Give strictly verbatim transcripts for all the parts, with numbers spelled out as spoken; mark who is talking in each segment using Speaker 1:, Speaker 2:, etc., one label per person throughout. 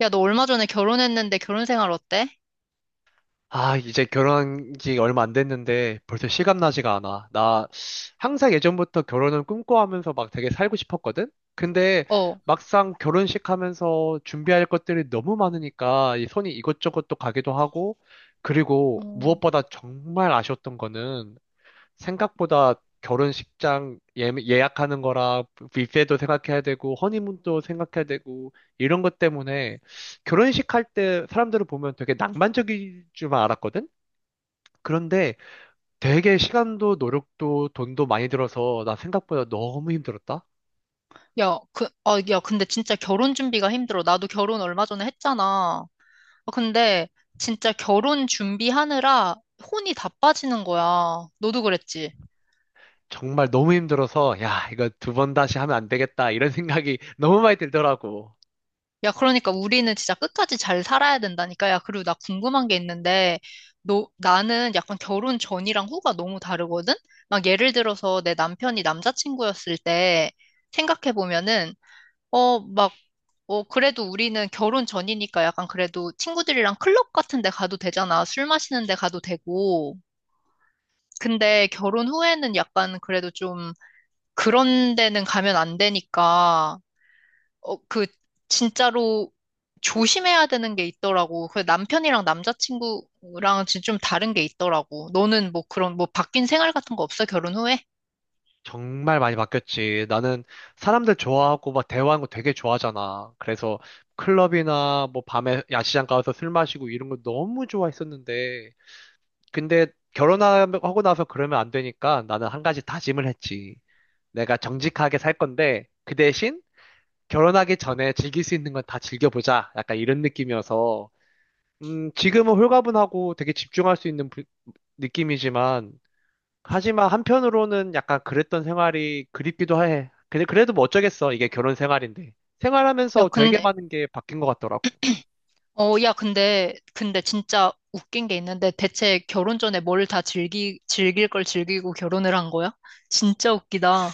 Speaker 1: 야, 너 얼마 전에 결혼했는데 결혼 생활 어때?
Speaker 2: 아, 이제 결혼한 지 얼마 안 됐는데 벌써 실감나지가 않아. 나 항상 예전부터 결혼을 꿈꿔하면서 막 되게 살고 싶었거든? 근데
Speaker 1: 어.
Speaker 2: 막상 결혼식 하면서 준비할 것들이 너무 많으니까 이 손이 이것저것 또 가기도 하고, 그리고
Speaker 1: 어.
Speaker 2: 무엇보다 정말 아쉬웠던 거는 생각보다 결혼식장 예, 예약하는 거랑 뷔페도 생각해야 되고 허니문도 생각해야 되고 이런 것 때문에 결혼식 할 때 사람들을 보면 되게 낭만적일 줄만 알았거든? 그런데 되게 시간도 노력도 돈도 많이 들어서 나 생각보다 너무 힘들었다.
Speaker 1: 야, 그, 아, 야, 근데 진짜 결혼 준비가 힘들어. 나도 결혼 얼마 전에 했잖아. 아, 근데 진짜 결혼 준비하느라 혼이 다 빠지는 거야. 너도 그랬지?
Speaker 2: 정말 너무 힘들어서 야, 이거 두 번 다시 하면 안 되겠다 이런 생각이 너무 많이 들더라고.
Speaker 1: 야, 그러니까 우리는 진짜 끝까지 잘 살아야 된다니까. 야, 그리고 나 궁금한 게 있는데, 너, 나는 약간 결혼 전이랑 후가 너무 다르거든? 막 예를 들어서 내 남편이 남자친구였을 때 생각해보면은, 어, 막, 어, 그래도 우리는 결혼 전이니까 약간 그래도 친구들이랑 클럽 같은 데 가도 되잖아. 술 마시는 데 가도 되고. 근데 결혼 후에는 약간 그래도 좀 그런 데는 가면 안 되니까, 어, 그, 진짜로 조심해야 되는 게 있더라고. 그 남편이랑 남자친구랑 진짜 좀 다른 게 있더라고. 너는 뭐 그런, 뭐 바뀐 생활 같은 거 없어? 결혼 후에?
Speaker 2: 정말 많이 바뀌었지. 나는 사람들 좋아하고 막 대화하는 거 되게 좋아하잖아. 그래서 클럽이나 뭐 밤에 야시장 가서 술 마시고 이런 거 너무 좋아했었는데. 근데 결혼하고 나서 그러면 안 되니까 나는 한 가지 다짐을 했지. 내가 정직하게 살 건데 그 대신 결혼하기 전에 즐길 수 있는 건 다 즐겨보자. 약간 이런 느낌이어서. 음, 지금은 홀가분하고 되게 집중할 수 있는 부- 느낌이지만, 하지만 한편으로는 약간 그랬던 생활이 그립기도 해. 근데 그래도 뭐 어쩌겠어. 이게 결혼 생활인데.
Speaker 1: 야,
Speaker 2: 생활하면서 되게
Speaker 1: 근데
Speaker 2: 많은 게 바뀐 것 같더라고.
Speaker 1: 어, 야, 근데, 근데 진짜 웃긴 게 있는데 대체 결혼 전에 뭘 다 즐기, 즐길 걸 즐기고 결혼을 한 거야? 진짜 웃기다.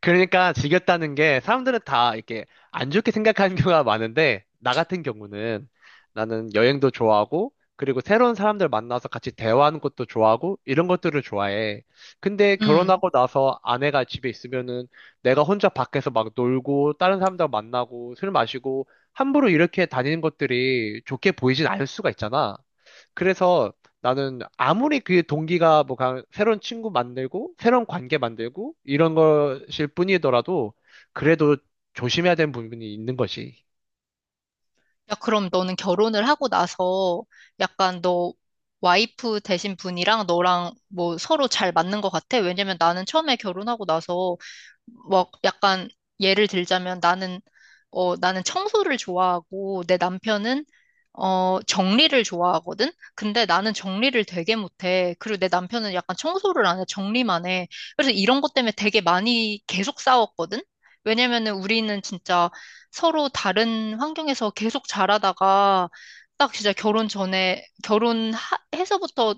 Speaker 2: 그러니까 지겼다는 게 사람들은 다 이렇게 안 좋게 생각하는 경우가 많은데, 나 같은 경우는 나는 여행도 좋아하고, 그리고 새로운 사람들 만나서 같이 대화하는 것도 좋아하고, 이런 것들을 좋아해. 근데
Speaker 1: 음.
Speaker 2: 결혼하고 나서 아내가 집에 있으면은 내가 혼자 밖에서 막 놀고 다른 사람들 만나고 술 마시고 함부로 이렇게 다니는 것들이 좋게 보이진 않을 수가 있잖아. 그래서 나는 아무리 그 동기가 뭐 가- 새로운 친구 만들고 새로운 관계 만들고 이런 것일 뿐이더라도 그래도 조심해야 되는 부분이 있는 것이.
Speaker 1: 야, 그럼 너는 결혼을 하고 나서 약간 너 와이프 되신 분이랑 너랑 뭐 서로 잘 맞는 것 같아? 왜냐면 나는 처음에 결혼하고 나서 막 약간 예를 들자면 나는 어 나는 청소를 좋아하고 내 남편은 어 정리를 좋아하거든. 근데 나는 정리를 되게 못해. 그리고 내 남편은 약간 청소를 안 해, 정리만 해. 그래서 이런 것 때문에 되게 많이 계속 싸웠거든. 왜냐면은 우리는 진짜 서로 다른 환경에서 계속 자라다가 딱 진짜 결혼 전에 결혼해서부터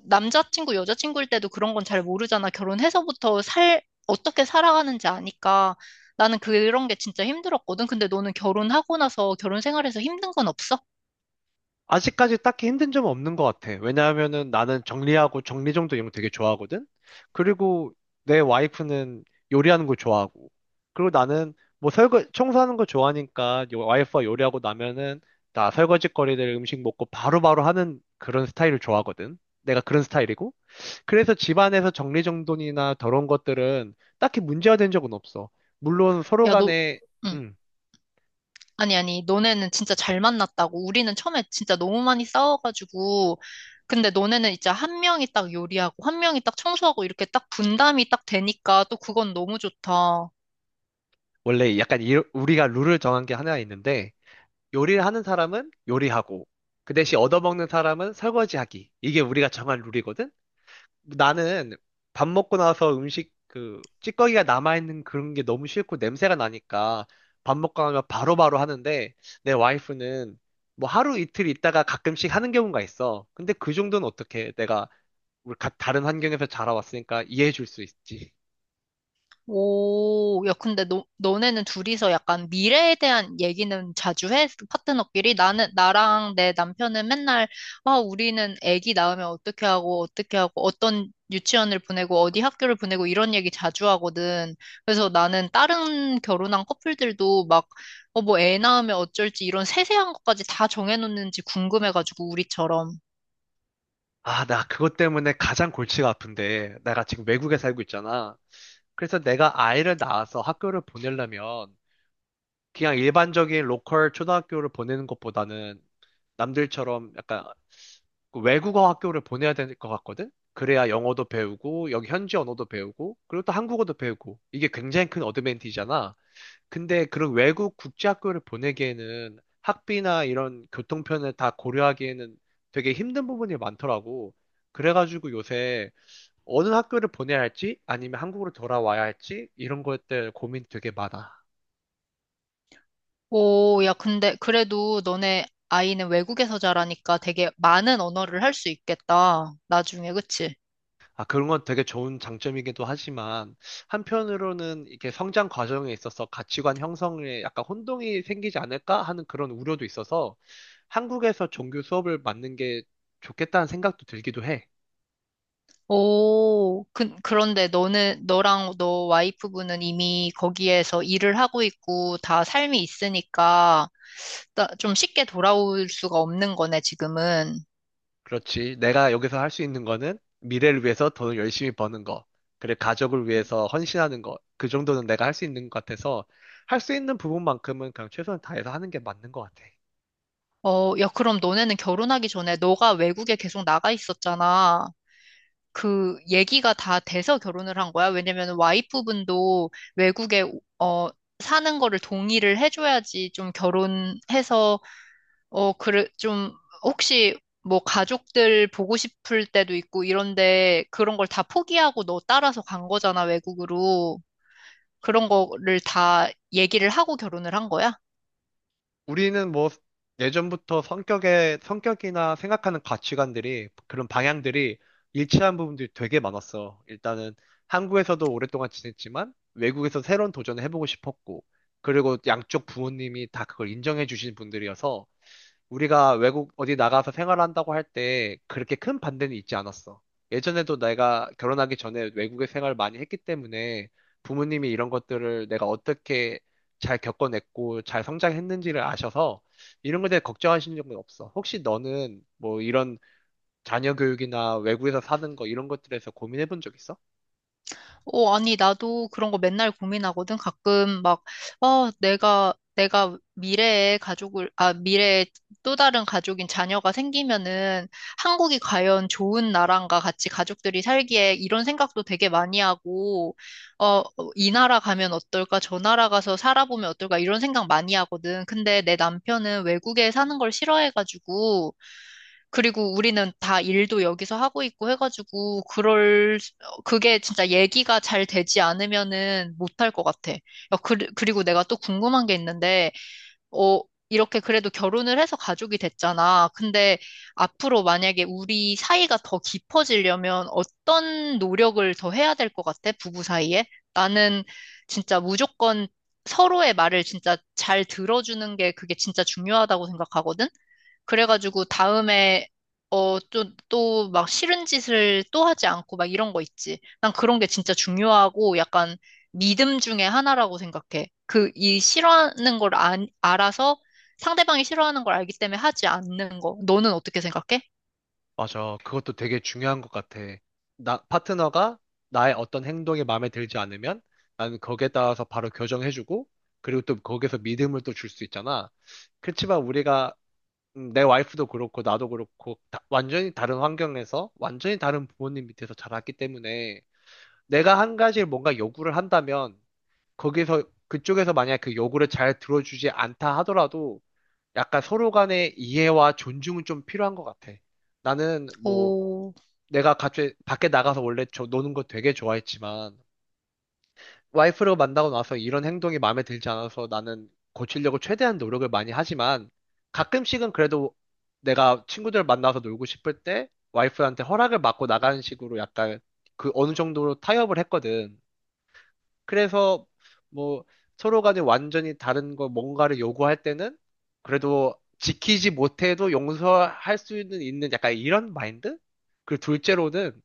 Speaker 1: 남자친구 여자친구일 때도 그런 건 잘 모르잖아. 결혼해서부터 살 어떻게 살아가는지 아니까 나는 그런 게 진짜 힘들었거든. 근데 너는 결혼하고 나서 결혼 생활에서 힘든 건 없어?
Speaker 2: 아직까지 딱히 힘든 점은 없는 것 같아. 왜냐하면은 나는 정리하고 정리정돈 이런 거 되게 좋아하거든. 그리고 내 와이프는 요리하는 거 좋아하고, 그리고 나는 뭐 설거 청소하는 거 좋아하니까, 요- 와이프가 요리하고 나면은 나 설거지 거리들 음식 먹고 바로바로 하는 그런 스타일을 좋아하거든. 내가 그런 스타일이고. 그래서 집안에서 정리정돈이나 더러운 것들은 딱히 문제가 된 적은 없어. 물론 서로
Speaker 1: 야, 너
Speaker 2: 간에,
Speaker 1: 응.
Speaker 2: 음,
Speaker 1: 아니, 아니, 너네는 진짜 잘 만났다고. 우리는 처음에 진짜 너무 많이 싸워가지고. 근데 너네는 이제 한 명이 딱 요리하고, 한 명이 딱 청소하고, 이렇게 딱 분담이 딱 되니까 또 그건 너무 좋다.
Speaker 2: 원래 약간 이- 우리가 룰을 정한 게 하나 있는데, 요리를 하는 사람은 요리하고, 그 대신 얻어먹는 사람은 설거지하기. 이게 우리가 정한 룰이거든? 나는 밥 먹고 나서 음식 그 찌꺼기가 남아있는 그런 게 너무 싫고 냄새가 나니까 밥 먹고 나면 바로바로 하는데, 내 와이프는 뭐 하루 이틀 있다가 가끔씩 하는 경우가 있어. 근데 그 정도는 어떻게 내가 우리 가- 다른 환경에서 자라왔으니까 이해해 줄 수 있지.
Speaker 1: 오, 야, 근데 너, 너네는 둘이서 약간 미래에 대한 얘기는 자주 해? 파트너끼리? 나는, 나랑 내 남편은 맨날, 아, 우리는 아기 낳으면 어떻게 하고, 어떻게 하고, 어떤 유치원을 보내고, 어디 학교를 보내고, 이런 얘기 자주 하거든. 그래서 나는 다른 결혼한 커플들도 막, 어, 뭐 애 낳으면 어쩔지, 이런 세세한 것까지 다 정해놓는지 궁금해가지고, 우리처럼.
Speaker 2: 아, 나 그것 때문에 가장 골치가 아픈데, 내가 지금 외국에 살고 있잖아. 그래서 내가 아이를 낳아서 학교를 보내려면 그냥 일반적인 로컬 초등학교를 보내는 것보다는 남들처럼 약간 그 외국어 학교를 보내야 될 것 같거든? 그래야 영어도 배우고, 여기 현지 언어도 배우고, 그리고 또 한국어도 배우고. 이게 굉장히 큰 어드밴티지잖아. 근데 그런 외국 국제학교를 보내기에는 학비나 이런 교통편을 다 고려하기에는 되게 힘든 부분이 많더라고. 그래가지고 요새 어느 학교를 보내야 할지, 아니면 한국으로 돌아와야 할지, 이런 것들 고민 되게 많아.
Speaker 1: 오, 야, 근데 그래도 너네 아이는 외국에서 자라니까 되게 많은 언어를 할 수 있겠다. 나중에, 그치?
Speaker 2: 아, 그런 건 되게 좋은 장점이기도 하지만, 한편으로는 이렇게 성장 과정에 있어서 가치관 형성에 약간 혼동이 생기지 않을까 하는 그런 우려도 있어서, 한국에서 종교 수업을 맡는 게 좋겠다는 생각도 들기도 해.
Speaker 1: 오, 그, 그런데 너는, 너랑 너 와이프분은 이미 거기에서 일을 하고 있고 다 삶이 있으니까 나- 좀 쉽게 돌아올 수가 없는 거네, 지금은.
Speaker 2: 그렇지. 내가 여기서 할 수 있는 거는 미래를 위해서 돈을 열심히 버는 거, 그래, 가족을 위해서 헌신하는 거, 그 정도는 내가 할 수 있는 것 같아서, 할 수 있는 부분만큼은 그냥 최선을 다해서 하는 게 맞는 것 같아.
Speaker 1: 어, 야, 그럼 너네는 결혼하기 전에 너가 외국에 계속 나가 있었잖아. 그 얘기가 다 돼서 결혼을 한 거야? 왜냐면 와이프분도 외국에 어 사는 거를 동의를 해줘야지 좀 결혼해서 어 그래 좀 혹시 뭐 가족들 보고 싶을 때도 있고 이런데 그런 걸 다 포기하고 너 따라서 간 거잖아, 외국으로. 그런 거를 다 얘기를 하고 결혼을 한 거야?
Speaker 2: 우리는 뭐 예전부터 성격의 성격이나 생각하는 가치관들이 그런 방향들이 일치한 부분들이 되게 많았어. 일단은 한국에서도 오랫동안 지냈지만 외국에서 새로운 도전을 해보고 싶었고, 그리고 양쪽 부모님이 다 그걸 인정해 주신 분들이어서 우리가 외국 어디 나가서 생활한다고 할 때 그렇게 큰 반대는 있지 않았어. 예전에도 내가 결혼하기 전에 외국에 생활을 많이 했기 때문에 부모님이 이런 것들을 내가 어떻게 잘 겪어냈고 잘 성장했는지를 아셔서 이런 것에 대해 걱정하시는 적은 없어. 혹시 너는 뭐 이런 자녀 교육이나 외국에서 사는 거 이런 것들에서 고민해 본 적 있어?
Speaker 1: 어, 아니, 나도 그런 거 맨날 고민하거든. 가끔 막, 어, 내가, 내가 미래에 가족을, 아, 미래에 또 다른 가족인 자녀가 생기면은 한국이 과연 좋은 나라인가 같이 가족들이 살기에 이런 생각도 되게 많이 하고, 어, 어, 이 나라 가면 어떨까? 저 나라 가서 살아보면 어떨까? 이런 생각 많이 하거든. 근데 내 남편은 외국에 사는 걸 싫어해가지고, 그리고 우리는 다 일도 여기서 하고 있고 해가지고, 그럴, 수- 어, 그게 진짜 얘기가 잘 되지 않으면은 못할 것 같아. 어, 그, 그리고 내가 또 궁금한 게 있는데, 어, 이렇게 그래도 결혼을 해서 가족이 됐잖아. 근데 앞으로 만약에 우리 사이가 더 깊어지려면 어떤 노력을 더 해야 될 것 같아? 부부 사이에? 나는 진짜 무조건 서로의 말을 진짜 잘 들어주는 게 그게 진짜 중요하다고 생각하거든? 그래가지고 다음에 어, 또, 막 싫은 짓을 또 하지 않고 막 이런 거 있지. 난 그런 게 진짜 중요하고 약간 믿음 중에 하나라고 생각해. 그, 이 싫어하는 걸 안, 알아서 상대방이 싫어하는 걸 알기 때문에 하지 않는 거. 너는 어떻게 생각해?
Speaker 2: 맞아. 그것도 되게 중요한 것 같아. 나, 파트너가 나의 어떤 행동이 마음에 들지 않으면 나는 거기에 따라서 바로 교정해주고, 그리고 또 거기에서 믿음을 또 줄 수 있잖아. 그렇지만 우리가, 음, 내 와이프도 그렇고 나도 그렇고 다- 완전히 다른 환경에서 완전히 다른 부모님 밑에서 자랐기 때문에 내가 한 가지 뭔가 요구를 한다면, 거기서, 그쪽에서 만약 그 요구를 잘 들어주지 않다 하더라도 약간 서로 간의 이해와 존중은 좀 필요한 것 같아. 나는 뭐
Speaker 1: 오,
Speaker 2: 내가 갑자기 밖에 나가서 원래 저 노는 거 되게 좋아했지만 와이프를 만나고 나서 이런 행동이 마음에 들지 않아서 나는 고치려고 최대한 노력을 많이 하지만, 가끔씩은 그래도 내가 친구들 만나서 놀고 싶을 때 와이프한테 허락을 받고 나가는 식으로 약간 그 어느 정도로 타협을 했거든. 그래서 뭐 서로 간에 완전히 다른 거 뭔가를 요구할 때는 그래도 지키지 못해도 용서할 수 있는, 있는 약간 이런 마인드? 그리고 둘째로는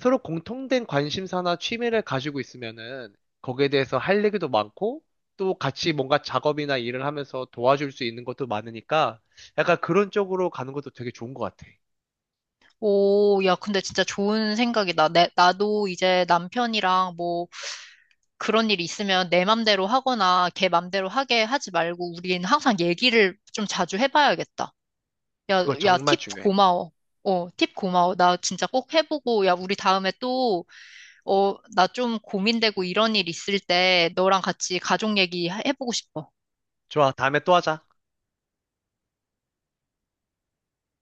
Speaker 2: 서로 공통된 관심사나 취미를 가지고 있으면은 거기에 대해서 할 얘기도 많고, 또 같이 뭔가 작업이나 일을 하면서 도와줄 수 있는 것도 많으니까 약간 그런 쪽으로 가는 것도 되게 좋은 것 같아.
Speaker 1: 오, 야, 근데 진짜 좋은 생각이다. 내, 나도 이제 남편이랑 뭐 그런 일이 있으면 내 맘대로 하거나 걔 맘대로 하게 하지 말고 우린 항상 얘기를 좀 자주 해봐야겠다. 야,
Speaker 2: 그거
Speaker 1: 야,
Speaker 2: 정말
Speaker 1: 팁
Speaker 2: 중요해.
Speaker 1: 고마워. 어, 팁 고마워. 나 진짜 꼭 해보고, 야, 우리 다음에 또, 어, 나 좀 고민되고 이런 일 있을 때 너랑 같이 가족 얘기 해- 해보고 싶어.
Speaker 2: 좋아, 다음에 또 하자.